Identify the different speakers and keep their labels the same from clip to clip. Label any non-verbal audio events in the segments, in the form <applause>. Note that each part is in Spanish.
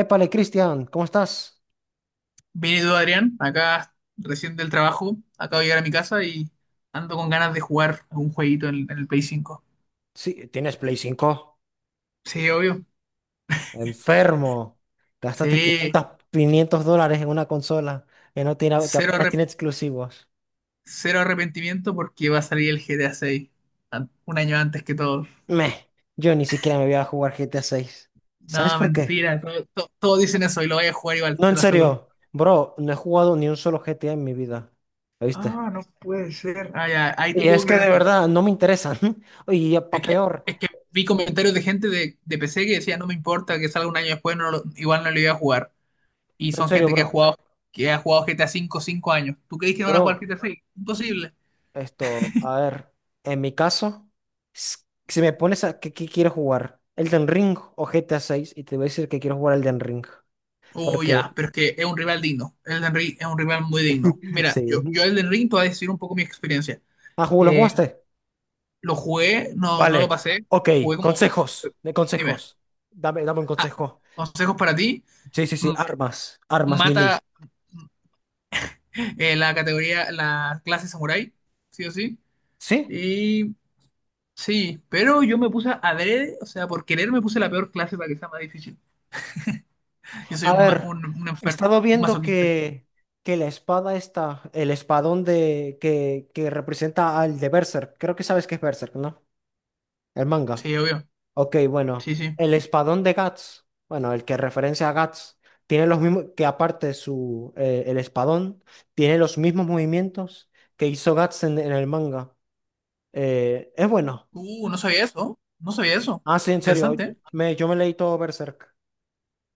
Speaker 1: Épale, Cristian, ¿cómo estás?
Speaker 2: Bien, ¿y tú, Adrián? Acá recién del trabajo, acabo de llegar a mi casa y ando con ganas de jugar a un jueguito en el Play 5.
Speaker 1: Sí, ¿tienes Play 5?
Speaker 2: Sí, obvio.
Speaker 1: Enfermo. Gastaste
Speaker 2: Sí,
Speaker 1: $500 en una consola que, no tiene, que
Speaker 2: cero,
Speaker 1: apenas
Speaker 2: arrep-
Speaker 1: tiene exclusivos.
Speaker 2: cero arrepentimiento porque va a salir el GTA 6 un año antes que todos.
Speaker 1: Meh, yo ni siquiera me voy a jugar GTA 6. ¿Sabes
Speaker 2: No,
Speaker 1: por qué?
Speaker 2: mentira, todos dicen eso y lo voy a jugar igual,
Speaker 1: No,
Speaker 2: te
Speaker 1: en
Speaker 2: lo aseguro.
Speaker 1: serio. Bro, no he jugado ni un solo GTA en mi vida. ¿Viste?
Speaker 2: Ah, no puede ser. Ah, ya, ahí te
Speaker 1: Y
Speaker 2: puedo
Speaker 1: es que
Speaker 2: creer
Speaker 1: de
Speaker 2: entonces.
Speaker 1: verdad no me interesan. <laughs> Oye, y
Speaker 2: Es
Speaker 1: pa'
Speaker 2: que,
Speaker 1: peor.
Speaker 2: es que vi comentarios de gente de PC que decía, no me importa que salga un año después, igual no lo iba a jugar. Y
Speaker 1: No, en
Speaker 2: son
Speaker 1: serio,
Speaker 2: gente que ha
Speaker 1: bro.
Speaker 2: jugado, que ha jugado GTA 5 años. ¿Tú crees que no van a jugar
Speaker 1: Bro,
Speaker 2: GTA 6? Imposible.
Speaker 1: esto, a ver, en mi caso, s- si me pones a qué, qué quiero jugar, Elden Ring o GTA 6, y te voy a decir que quiero jugar Elden Ring,
Speaker 2: Oh, ya,
Speaker 1: porque
Speaker 2: pero es que es un rival digno. Elden Ring es un rival muy digno.
Speaker 1: <laughs>
Speaker 2: Mira, yo
Speaker 1: sí.
Speaker 2: Elden Ring te voy a decir un poco mi experiencia.
Speaker 1: Ah, ¿lo
Speaker 2: Eh,
Speaker 1: jugaste?
Speaker 2: lo jugué, no, no lo
Speaker 1: Vale,
Speaker 2: pasé.
Speaker 1: ok,
Speaker 2: Jugué como,
Speaker 1: de
Speaker 2: dime,
Speaker 1: consejos. Dame, dame un
Speaker 2: ah,
Speaker 1: consejo.
Speaker 2: consejos para ti.
Speaker 1: Sí, sí, sí,
Speaker 2: M-
Speaker 1: armas, armas melee.
Speaker 2: Mata, la categoría, la clase samurai, sí o sí.
Speaker 1: ¿Sí?
Speaker 2: Y sí, pero yo me puse adrede, o sea, por querer me puse la peor clase para que sea más difícil. Yo soy
Speaker 1: A
Speaker 2: un, ma-
Speaker 1: ver,
Speaker 2: un
Speaker 1: he
Speaker 2: enfer-
Speaker 1: estado
Speaker 2: un
Speaker 1: viendo
Speaker 2: masoquista.
Speaker 1: que la espada está, el espadón que representa al de Berserk. Creo que sabes que es Berserk, ¿no? El manga.
Speaker 2: Sí, obvio.
Speaker 1: Ok, bueno,
Speaker 2: Sí, sí.
Speaker 1: el espadón de Guts, bueno, el que referencia a Guts, tiene los mismos, que aparte el espadón, tiene los mismos movimientos que hizo Guts en el manga. Es bueno.
Speaker 2: No sabía eso. No sabía eso.
Speaker 1: Ah, sí, en
Speaker 2: Interesante,
Speaker 1: serio,
Speaker 2: ¿eh?
Speaker 1: yo me leí todo Berserk.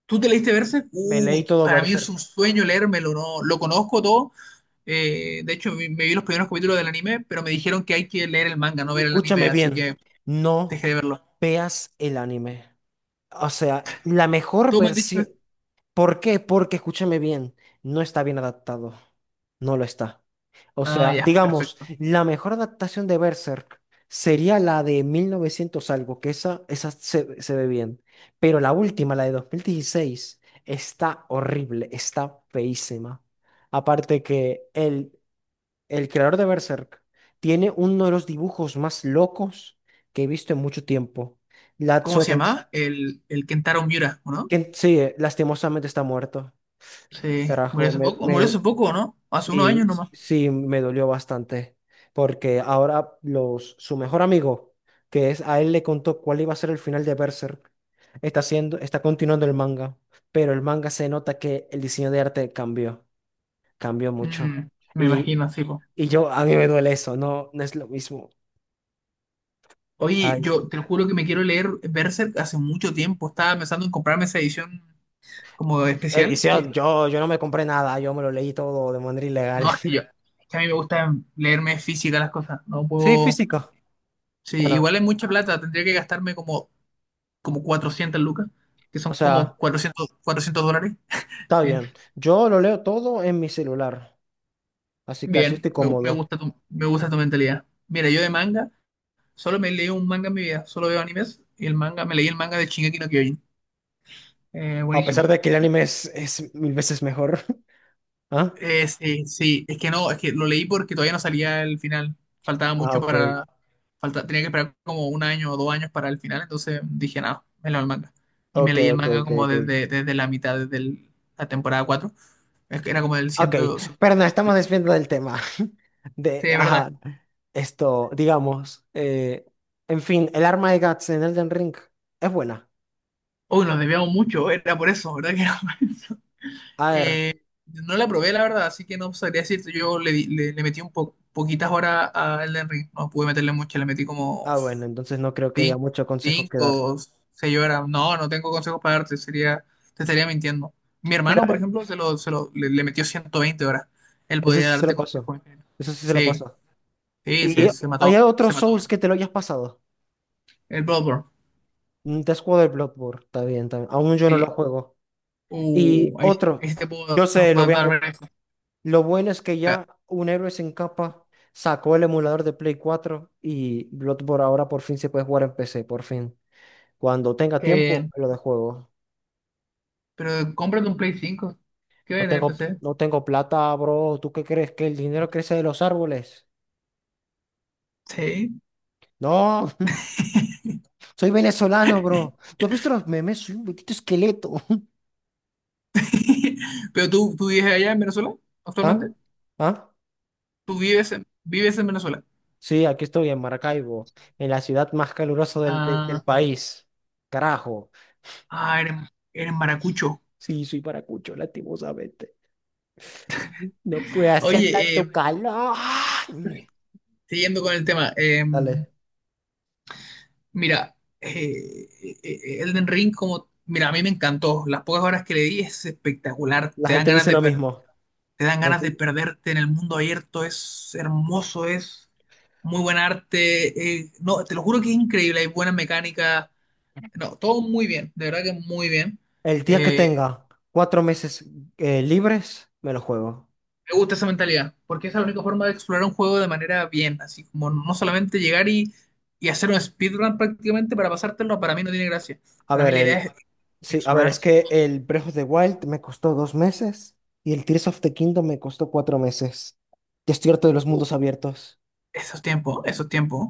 Speaker 2: ¿Tú te leíste Berserk?
Speaker 1: Me leí
Speaker 2: Uy,
Speaker 1: todo
Speaker 2: para mí es un
Speaker 1: Berserk.
Speaker 2: sueño leérmelo, ¿no? Lo conozco todo. De hecho, me vi los primeros capítulos del anime, pero me dijeron que hay que leer el manga, no ver el anime,
Speaker 1: Escúchame
Speaker 2: así
Speaker 1: bien,
Speaker 2: que
Speaker 1: no
Speaker 2: dejé de verlo.
Speaker 1: veas el anime. O sea, la mejor
Speaker 2: ¿Tú me has dicho
Speaker 1: versión.
Speaker 2: eso?
Speaker 1: ¿Por qué? Porque, escúchame bien, no está bien adaptado. No lo está. O
Speaker 2: Ah,
Speaker 1: sea,
Speaker 2: ya,
Speaker 1: digamos,
Speaker 2: perfecto.
Speaker 1: la mejor adaptación de Berserk sería la de 1900 algo, que esa se, se ve bien. Pero la última, la de 2016, está horrible, está feísima. Aparte que el creador de Berserk tiene uno de los dibujos más locos que he visto en mucho tiempo.
Speaker 2: ¿Cómo
Speaker 1: Latzo
Speaker 2: se
Speaker 1: Tens-
Speaker 2: llamaba? El Kentaro Miura, ¿o no?
Speaker 1: que sí, lastimosamente está muerto.
Speaker 2: Sí, murió
Speaker 1: Carajo.
Speaker 2: hace poco. ¿O murió hace poco, o no? Hace unos años
Speaker 1: Sí,
Speaker 2: nomás.
Speaker 1: sí, me dolió bastante, porque ahora su mejor amigo, que es a él le contó cuál iba a ser el final de Berserk, está continuando el manga, pero el manga se nota que el diseño de arte cambió, cambió mucho.
Speaker 2: Mm, me
Speaker 1: Y,
Speaker 2: imagino, sí, po.
Speaker 1: y a mí me duele eso, no, no es lo mismo.
Speaker 2: Oye,
Speaker 1: Ay,
Speaker 2: yo te juro que me quiero leer Berserk hace mucho tiempo. Estaba pensando en comprarme esa edición como especial.
Speaker 1: edición, yo no me compré nada, yo me lo leí todo de manera ilegal.
Speaker 2: No,
Speaker 1: <laughs>
Speaker 2: es que a mí me gusta leerme física las cosas. No
Speaker 1: Sí,
Speaker 2: puedo.
Speaker 1: físico.
Speaker 2: Sí,
Speaker 1: Bueno,
Speaker 2: igual es mucha plata. Tendría que gastarme como, como 400 lucas, que
Speaker 1: o
Speaker 2: son como
Speaker 1: sea,
Speaker 2: cuatrocientos dólares.
Speaker 1: está
Speaker 2: Eh,
Speaker 1: bien. Yo lo leo todo en mi celular, así que así
Speaker 2: Bien,
Speaker 1: estoy cómodo.
Speaker 2: me gusta tu mentalidad. Mira, yo de manga, solo me leí un manga en mi vida. Solo veo animes. Y el manga, me leí el manga de Shingeki no Kyojin.
Speaker 1: A pesar
Speaker 2: Buenísimo.
Speaker 1: de que el anime es mil veces mejor. <laughs> ¿Ah?
Speaker 2: Sí, sí, es que no, es que lo leí porque todavía no salía el final. Faltaba
Speaker 1: Ah,
Speaker 2: mucho
Speaker 1: ok.
Speaker 2: para. Falta, tenía que esperar como un año o dos años para el final, entonces dije, nada, me leo el manga. Y me
Speaker 1: Ok,
Speaker 2: leí el
Speaker 1: ok,
Speaker 2: manga
Speaker 1: ok,
Speaker 2: como
Speaker 1: ok.
Speaker 2: desde la mitad, la temporada cuatro. Es que era como del 100.
Speaker 1: Ok,
Speaker 2: Sí,
Speaker 1: pero nos estamos desviando del tema. <laughs>
Speaker 2: sí, es verdad.
Speaker 1: Ajá, esto, digamos, en fin, el arma de Guts en Elden Ring es buena.
Speaker 2: Uy, nos debíamos mucho, era por eso, ¿verdad? <laughs> Que era por eso.
Speaker 1: A ver,
Speaker 2: No la probé, la verdad, así que no sabría decirte. Yo le metí poquitas horas a Elden Ring, no pude meterle mucho, le metí como
Speaker 1: ah, bueno, entonces no creo que haya
Speaker 2: Cinco,
Speaker 1: mucho consejo que dar.
Speaker 2: cinco, seis horas. No, no tengo consejos para darte, sería, te estaría mintiendo. Mi hermano, por
Speaker 1: Pero
Speaker 2: ejemplo, le metió 120 horas. Él
Speaker 1: eso sí
Speaker 2: podría
Speaker 1: se
Speaker 2: darte
Speaker 1: lo pasó.
Speaker 2: consejos.
Speaker 1: Eso sí se lo
Speaker 2: Sí,
Speaker 1: pasó.
Speaker 2: sí, se,
Speaker 1: ¿Y
Speaker 2: se
Speaker 1: hay
Speaker 2: mató, se
Speaker 1: otros
Speaker 2: mató.
Speaker 1: Souls que te lo hayas pasado?
Speaker 2: El Bloodborne,
Speaker 1: Mm, te has jugado el Bloodborne, está bien, está bien. Aún yo no lo
Speaker 2: sí.
Speaker 1: juego. Y
Speaker 2: Ahí sí
Speaker 1: otro,
Speaker 2: te puedo
Speaker 1: yo sé, lo
Speaker 2: dar,
Speaker 1: voy a
Speaker 2: dar
Speaker 1: jugar.
Speaker 2: ver.
Speaker 1: Lo bueno es que ya un héroe sin capa sacó el emulador de Play 4 y Bloodborne ahora por fin se puede jugar en PC, por fin. Cuando tenga
Speaker 2: Qué
Speaker 1: tiempo,
Speaker 2: bien.
Speaker 1: lo de juego.
Speaker 2: Pero cómprate un Play 5. ¿Qué va a
Speaker 1: No
Speaker 2: tener
Speaker 1: tengo,
Speaker 2: PC?
Speaker 1: no tengo plata, bro. ¿Tú qué crees? ¿Que el dinero crece de los árboles?
Speaker 2: Sí.
Speaker 1: No, <laughs> soy venezolano, bro. ¿Tú has visto los memes? Soy un poquito esqueleto.
Speaker 2: <laughs> Pero tú vives allá en Venezuela
Speaker 1: <laughs> ¿Ah?
Speaker 2: actualmente.
Speaker 1: ¿Ah?
Speaker 2: Tú vives en Venezuela.
Speaker 1: Sí, aquí estoy en Maracaibo, en la ciudad más calurosa del, de- del
Speaker 2: Ah.
Speaker 1: país. Carajo.
Speaker 2: Ah, eres maracucho.
Speaker 1: Sí, soy paracucho, lastimosamente. No puede hacer
Speaker 2: Oye,
Speaker 1: tanto calor. Ay,
Speaker 2: siguiendo con el tema,
Speaker 1: dale.
Speaker 2: mira, Elden Ring, como, mira, a mí me encantó. Las pocas horas que le di es espectacular.
Speaker 1: La gente dice lo mismo.
Speaker 2: Te dan
Speaker 1: La
Speaker 2: ganas de
Speaker 1: gente-
Speaker 2: perderte en el mundo abierto. Es hermoso, es muy buen arte. No, te lo juro que es increíble. Hay buena mecánica. No, todo muy bien, de verdad que muy bien.
Speaker 1: El día que
Speaker 2: Eh,
Speaker 1: tenga 4 meses, libres, me lo juego.
Speaker 2: Me gusta esa mentalidad, porque es la única forma de explorar un juego de manera bien, así como no solamente llegar y hacer un speedrun prácticamente para pasártelo, para mí no tiene gracia.
Speaker 1: A
Speaker 2: Para mí
Speaker 1: ver,
Speaker 2: la idea
Speaker 1: el.
Speaker 2: es
Speaker 1: Sí, a ver,
Speaker 2: explorar.
Speaker 1: es que el Breath of the Wild me costó 2 meses y el Tears of the Kingdom me costó 4 meses. Ya estoy harto de los
Speaker 2: uh,
Speaker 1: mundos abiertos.
Speaker 2: Esos tiempos, esos tiempos.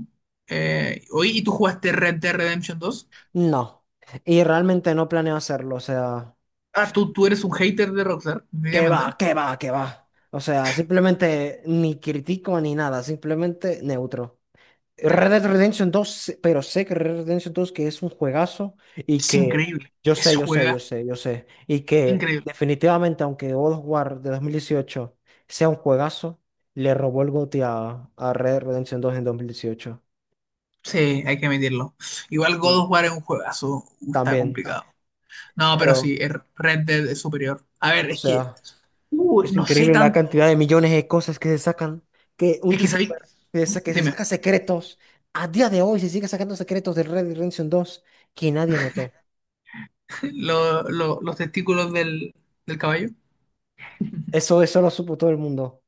Speaker 2: Oye, ¿y tú jugaste Red Dead Redemption dos?
Speaker 1: No. Y realmente no planeo hacerlo. O sea,
Speaker 2: Ah, tú eres un hater de Rockstar,
Speaker 1: ¿qué
Speaker 2: evidentemente.
Speaker 1: va? ¿Qué va? ¿Qué va? O sea, simplemente ni critico ni nada, simplemente neutro. Red Dead Redemption 2, pero sé que Red Dead Redemption 2 que es un juegazo y
Speaker 2: Es
Speaker 1: que
Speaker 2: increíble,
Speaker 1: yo
Speaker 2: es
Speaker 1: sé, yo sé, yo
Speaker 2: juegazo,
Speaker 1: sé, yo sé, y que
Speaker 2: increíble.
Speaker 1: definitivamente, aunque God of War de 2018 sea un juegazo, le robó el GOTY a Red Dead Redemption 2 en 2018.
Speaker 2: Sí, hay que admitirlo. Igual God
Speaker 1: Y
Speaker 2: of War es un juegazo, está
Speaker 1: también,
Speaker 2: complicado. No, pero
Speaker 1: pero,
Speaker 2: sí, el Red Dead es superior. A ver,
Speaker 1: o
Speaker 2: es que,
Speaker 1: sea, es
Speaker 2: no sé
Speaker 1: increíble la cantidad
Speaker 2: tanto.
Speaker 1: de millones de cosas que se sacan, que un
Speaker 2: Es que sabéis,
Speaker 1: youtuber que se
Speaker 2: dime,
Speaker 1: saca secretos, a día de hoy se sigue sacando secretos de Red Dead Redemption 2 que nadie notó.
Speaker 2: los testículos del caballo.
Speaker 1: Eso lo supo todo el mundo.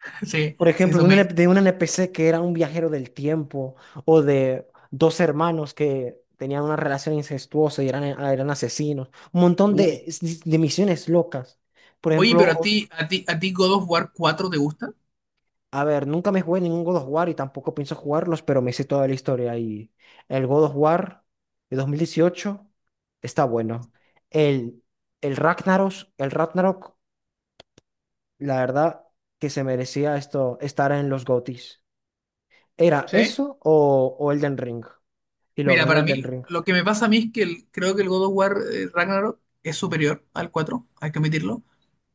Speaker 2: <laughs> Sí,
Speaker 1: Por
Speaker 2: sí,
Speaker 1: ejemplo, de
Speaker 2: son
Speaker 1: un,
Speaker 2: me
Speaker 1: de un NPC que era un viajero del tiempo, o de dos hermanos que tenían una relación incestuosa y eran, ah, eran asesinos. Un montón
Speaker 2: Uh.
Speaker 1: de misiones locas. Por
Speaker 2: Oye, pero a
Speaker 1: ejemplo,
Speaker 2: ti, a ti, a ti ¿God of War 4 te gusta?
Speaker 1: a ver, nunca me jugué ningún God of War y tampoco pienso jugarlos, pero me sé toda la historia. Y el God of War de 2018 está bueno. El, el Ragnaros, el Ragnarok, la verdad que se merecía esto, estar en los GOTYs. Era
Speaker 2: Sí.
Speaker 1: eso o Elden Ring. Y lo
Speaker 2: Mira,
Speaker 1: ganó
Speaker 2: para
Speaker 1: Elden
Speaker 2: mí,
Speaker 1: Ring.
Speaker 2: lo que me pasa a mí es que creo que el God of War, Ragnarok es superior al 4, hay que admitirlo.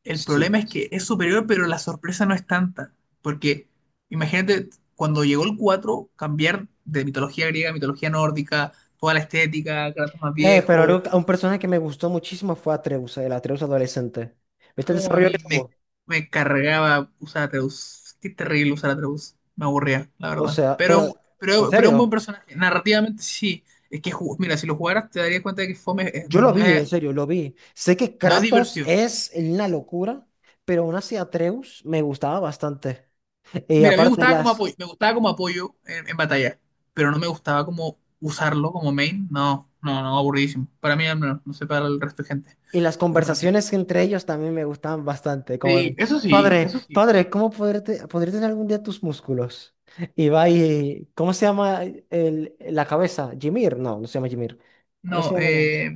Speaker 2: El
Speaker 1: Sí.
Speaker 2: problema es que es superior, pero la sorpresa no es tanta. Porque imagínate, cuando llegó el 4 cambiar de mitología griega a mitología nórdica, toda la estética, Kratos más
Speaker 1: Pero
Speaker 2: viejo.
Speaker 1: un personaje que me gustó muchísimo fue Atreus, el Atreus adolescente. ¿Viste el
Speaker 2: No, a
Speaker 1: desarrollo
Speaker 2: mí
Speaker 1: que
Speaker 2: me,
Speaker 1: tuvo?
Speaker 2: me cargaba usar Atreus. Qué terrible usar Atreus. Me aburría, la
Speaker 1: O
Speaker 2: verdad.
Speaker 1: sea,
Speaker 2: Pero,
Speaker 1: pero, ¿en
Speaker 2: pero, pero un buen
Speaker 1: serio?
Speaker 2: personaje. Narrativamente sí. Es que, mira, si lo jugaras te darías cuenta de que Fome,
Speaker 1: Yo lo
Speaker 2: no
Speaker 1: vi, en
Speaker 2: es,
Speaker 1: serio, lo vi. Sé que
Speaker 2: no es
Speaker 1: Kratos
Speaker 2: divertido.
Speaker 1: es una locura, pero aún así Atreus me gustaba bastante. <laughs> Y
Speaker 2: Mira, a mí me
Speaker 1: aparte,
Speaker 2: gustaba como apoyo, me gustaba como apoyo en batalla, pero no me gustaba como usarlo como main. No, no, no, aburridísimo. Para mí, al menos, no sé para el resto de gente.
Speaker 1: y las
Speaker 2: Pero para mí.
Speaker 1: conversaciones entre ellos también me gustaban bastante, como
Speaker 2: Sí,
Speaker 1: de,
Speaker 2: eso sí,
Speaker 1: padre,
Speaker 2: eso sí.
Speaker 1: padre, ¿cómo podré tener algún día tus músculos? Y va y, ¿cómo se llama la cabeza? Jimir, no, no se llama Jimir. ¿Cómo
Speaker 2: No,
Speaker 1: se llama?
Speaker 2: eh,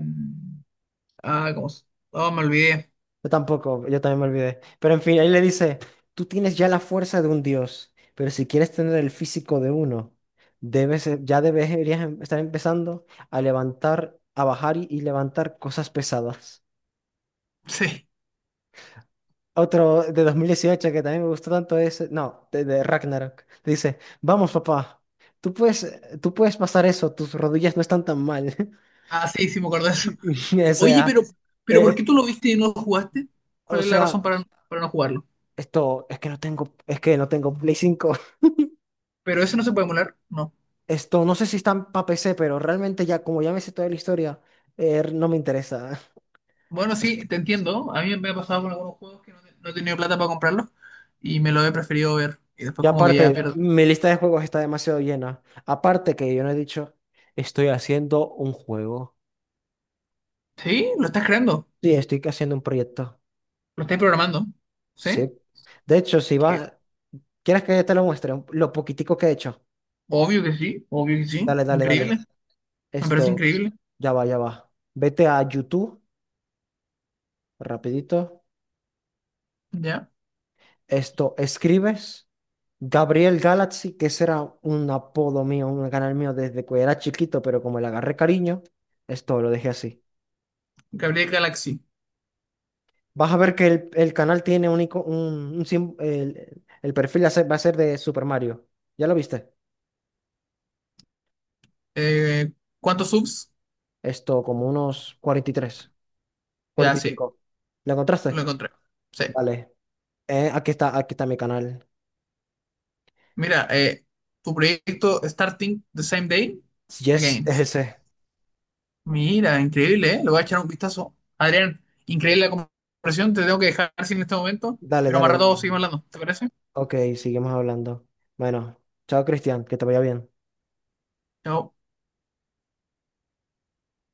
Speaker 2: ah, ¿cómo? Oh, me olvidé.
Speaker 1: Yo tampoco, yo también me olvidé. Pero en fin, él le dice, tú tienes ya la fuerza de un dios, pero si quieres tener el físico de uno, debes, ya deberías estar empezando a levantar, a bajar y levantar cosas pesadas.
Speaker 2: <laughs> Sí.
Speaker 1: Otro de 2018 que también me gustó tanto es, no, de Ragnarok. Dice, vamos, papá, tú puedes pasar eso, tus rodillas no están tan mal. <laughs>
Speaker 2: Ah, sí, sí, me acuerdo de eso.
Speaker 1: O
Speaker 2: Oye,
Speaker 1: sea,
Speaker 2: pero ¿por qué
Speaker 1: eh,
Speaker 2: tú lo viste y no lo jugaste?
Speaker 1: o
Speaker 2: ¿Cuál es la razón
Speaker 1: sea,
Speaker 2: para no jugarlo?
Speaker 1: esto es que no tengo Play 5.
Speaker 2: ¿Pero eso no se puede emular? No.
Speaker 1: Esto no sé si está para PC, pero realmente ya, como ya me sé toda la historia, no me interesa.
Speaker 2: Bueno, sí, te entiendo. A mí me ha pasado con algunos juegos que no he tenido plata para comprarlos y me lo he preferido ver. Y
Speaker 1: Y
Speaker 2: después como que ya
Speaker 1: aparte,
Speaker 2: pierdo.
Speaker 1: mi lista de juegos está demasiado llena. Aparte que yo no he dicho, estoy haciendo un juego.
Speaker 2: Sí, lo estás creando,
Speaker 1: Sí, estoy haciendo un proyecto.
Speaker 2: lo estás programando.
Speaker 1: Sí.
Speaker 2: ¿Sí?
Speaker 1: De hecho, si
Speaker 2: Que-
Speaker 1: vas, ¿quieres que te lo muestre? Lo poquitico que he hecho.
Speaker 2: Obvio que sí, obvio que sí.
Speaker 1: Dale, dale, dale.
Speaker 2: Increíble. Me parece
Speaker 1: Esto,
Speaker 2: increíble.
Speaker 1: ya va, ya va. Vete a YouTube, rapidito.
Speaker 2: Ya.
Speaker 1: Esto, escribes. Gabriel Galaxy, que ese era un apodo mío, un canal mío desde que era chiquito, pero como le agarré cariño, esto lo dejé así.
Speaker 2: Gabriel Galaxy.
Speaker 1: Vas a ver que el canal tiene el perfil va a ser de Super Mario. ¿Ya lo viste?
Speaker 2: Eh, ¿Cuántos subs?
Speaker 1: Esto, como unos cuarenta y tres,
Speaker 2: Ya,
Speaker 1: cuarenta y
Speaker 2: sí,
Speaker 1: cinco. ¿Lo
Speaker 2: lo
Speaker 1: encontraste?
Speaker 2: encontré. Sí.
Speaker 1: Vale. Aquí está mi canal.
Speaker 2: Mira, tu proyecto Starting the Same Day
Speaker 1: Yes,
Speaker 2: Again.
Speaker 1: es ese.
Speaker 2: Mira, increíble, ¿eh? Lo voy a echar un vistazo. Adrián, increíble la conversación. Te tengo que dejar sin este momento,
Speaker 1: Dale,
Speaker 2: pero
Speaker 1: dale,
Speaker 2: más
Speaker 1: dale.
Speaker 2: rato seguimos hablando. ¿Te parece?
Speaker 1: Ok, seguimos hablando. Bueno, chao Cristian, que te vaya bien.
Speaker 2: Chao.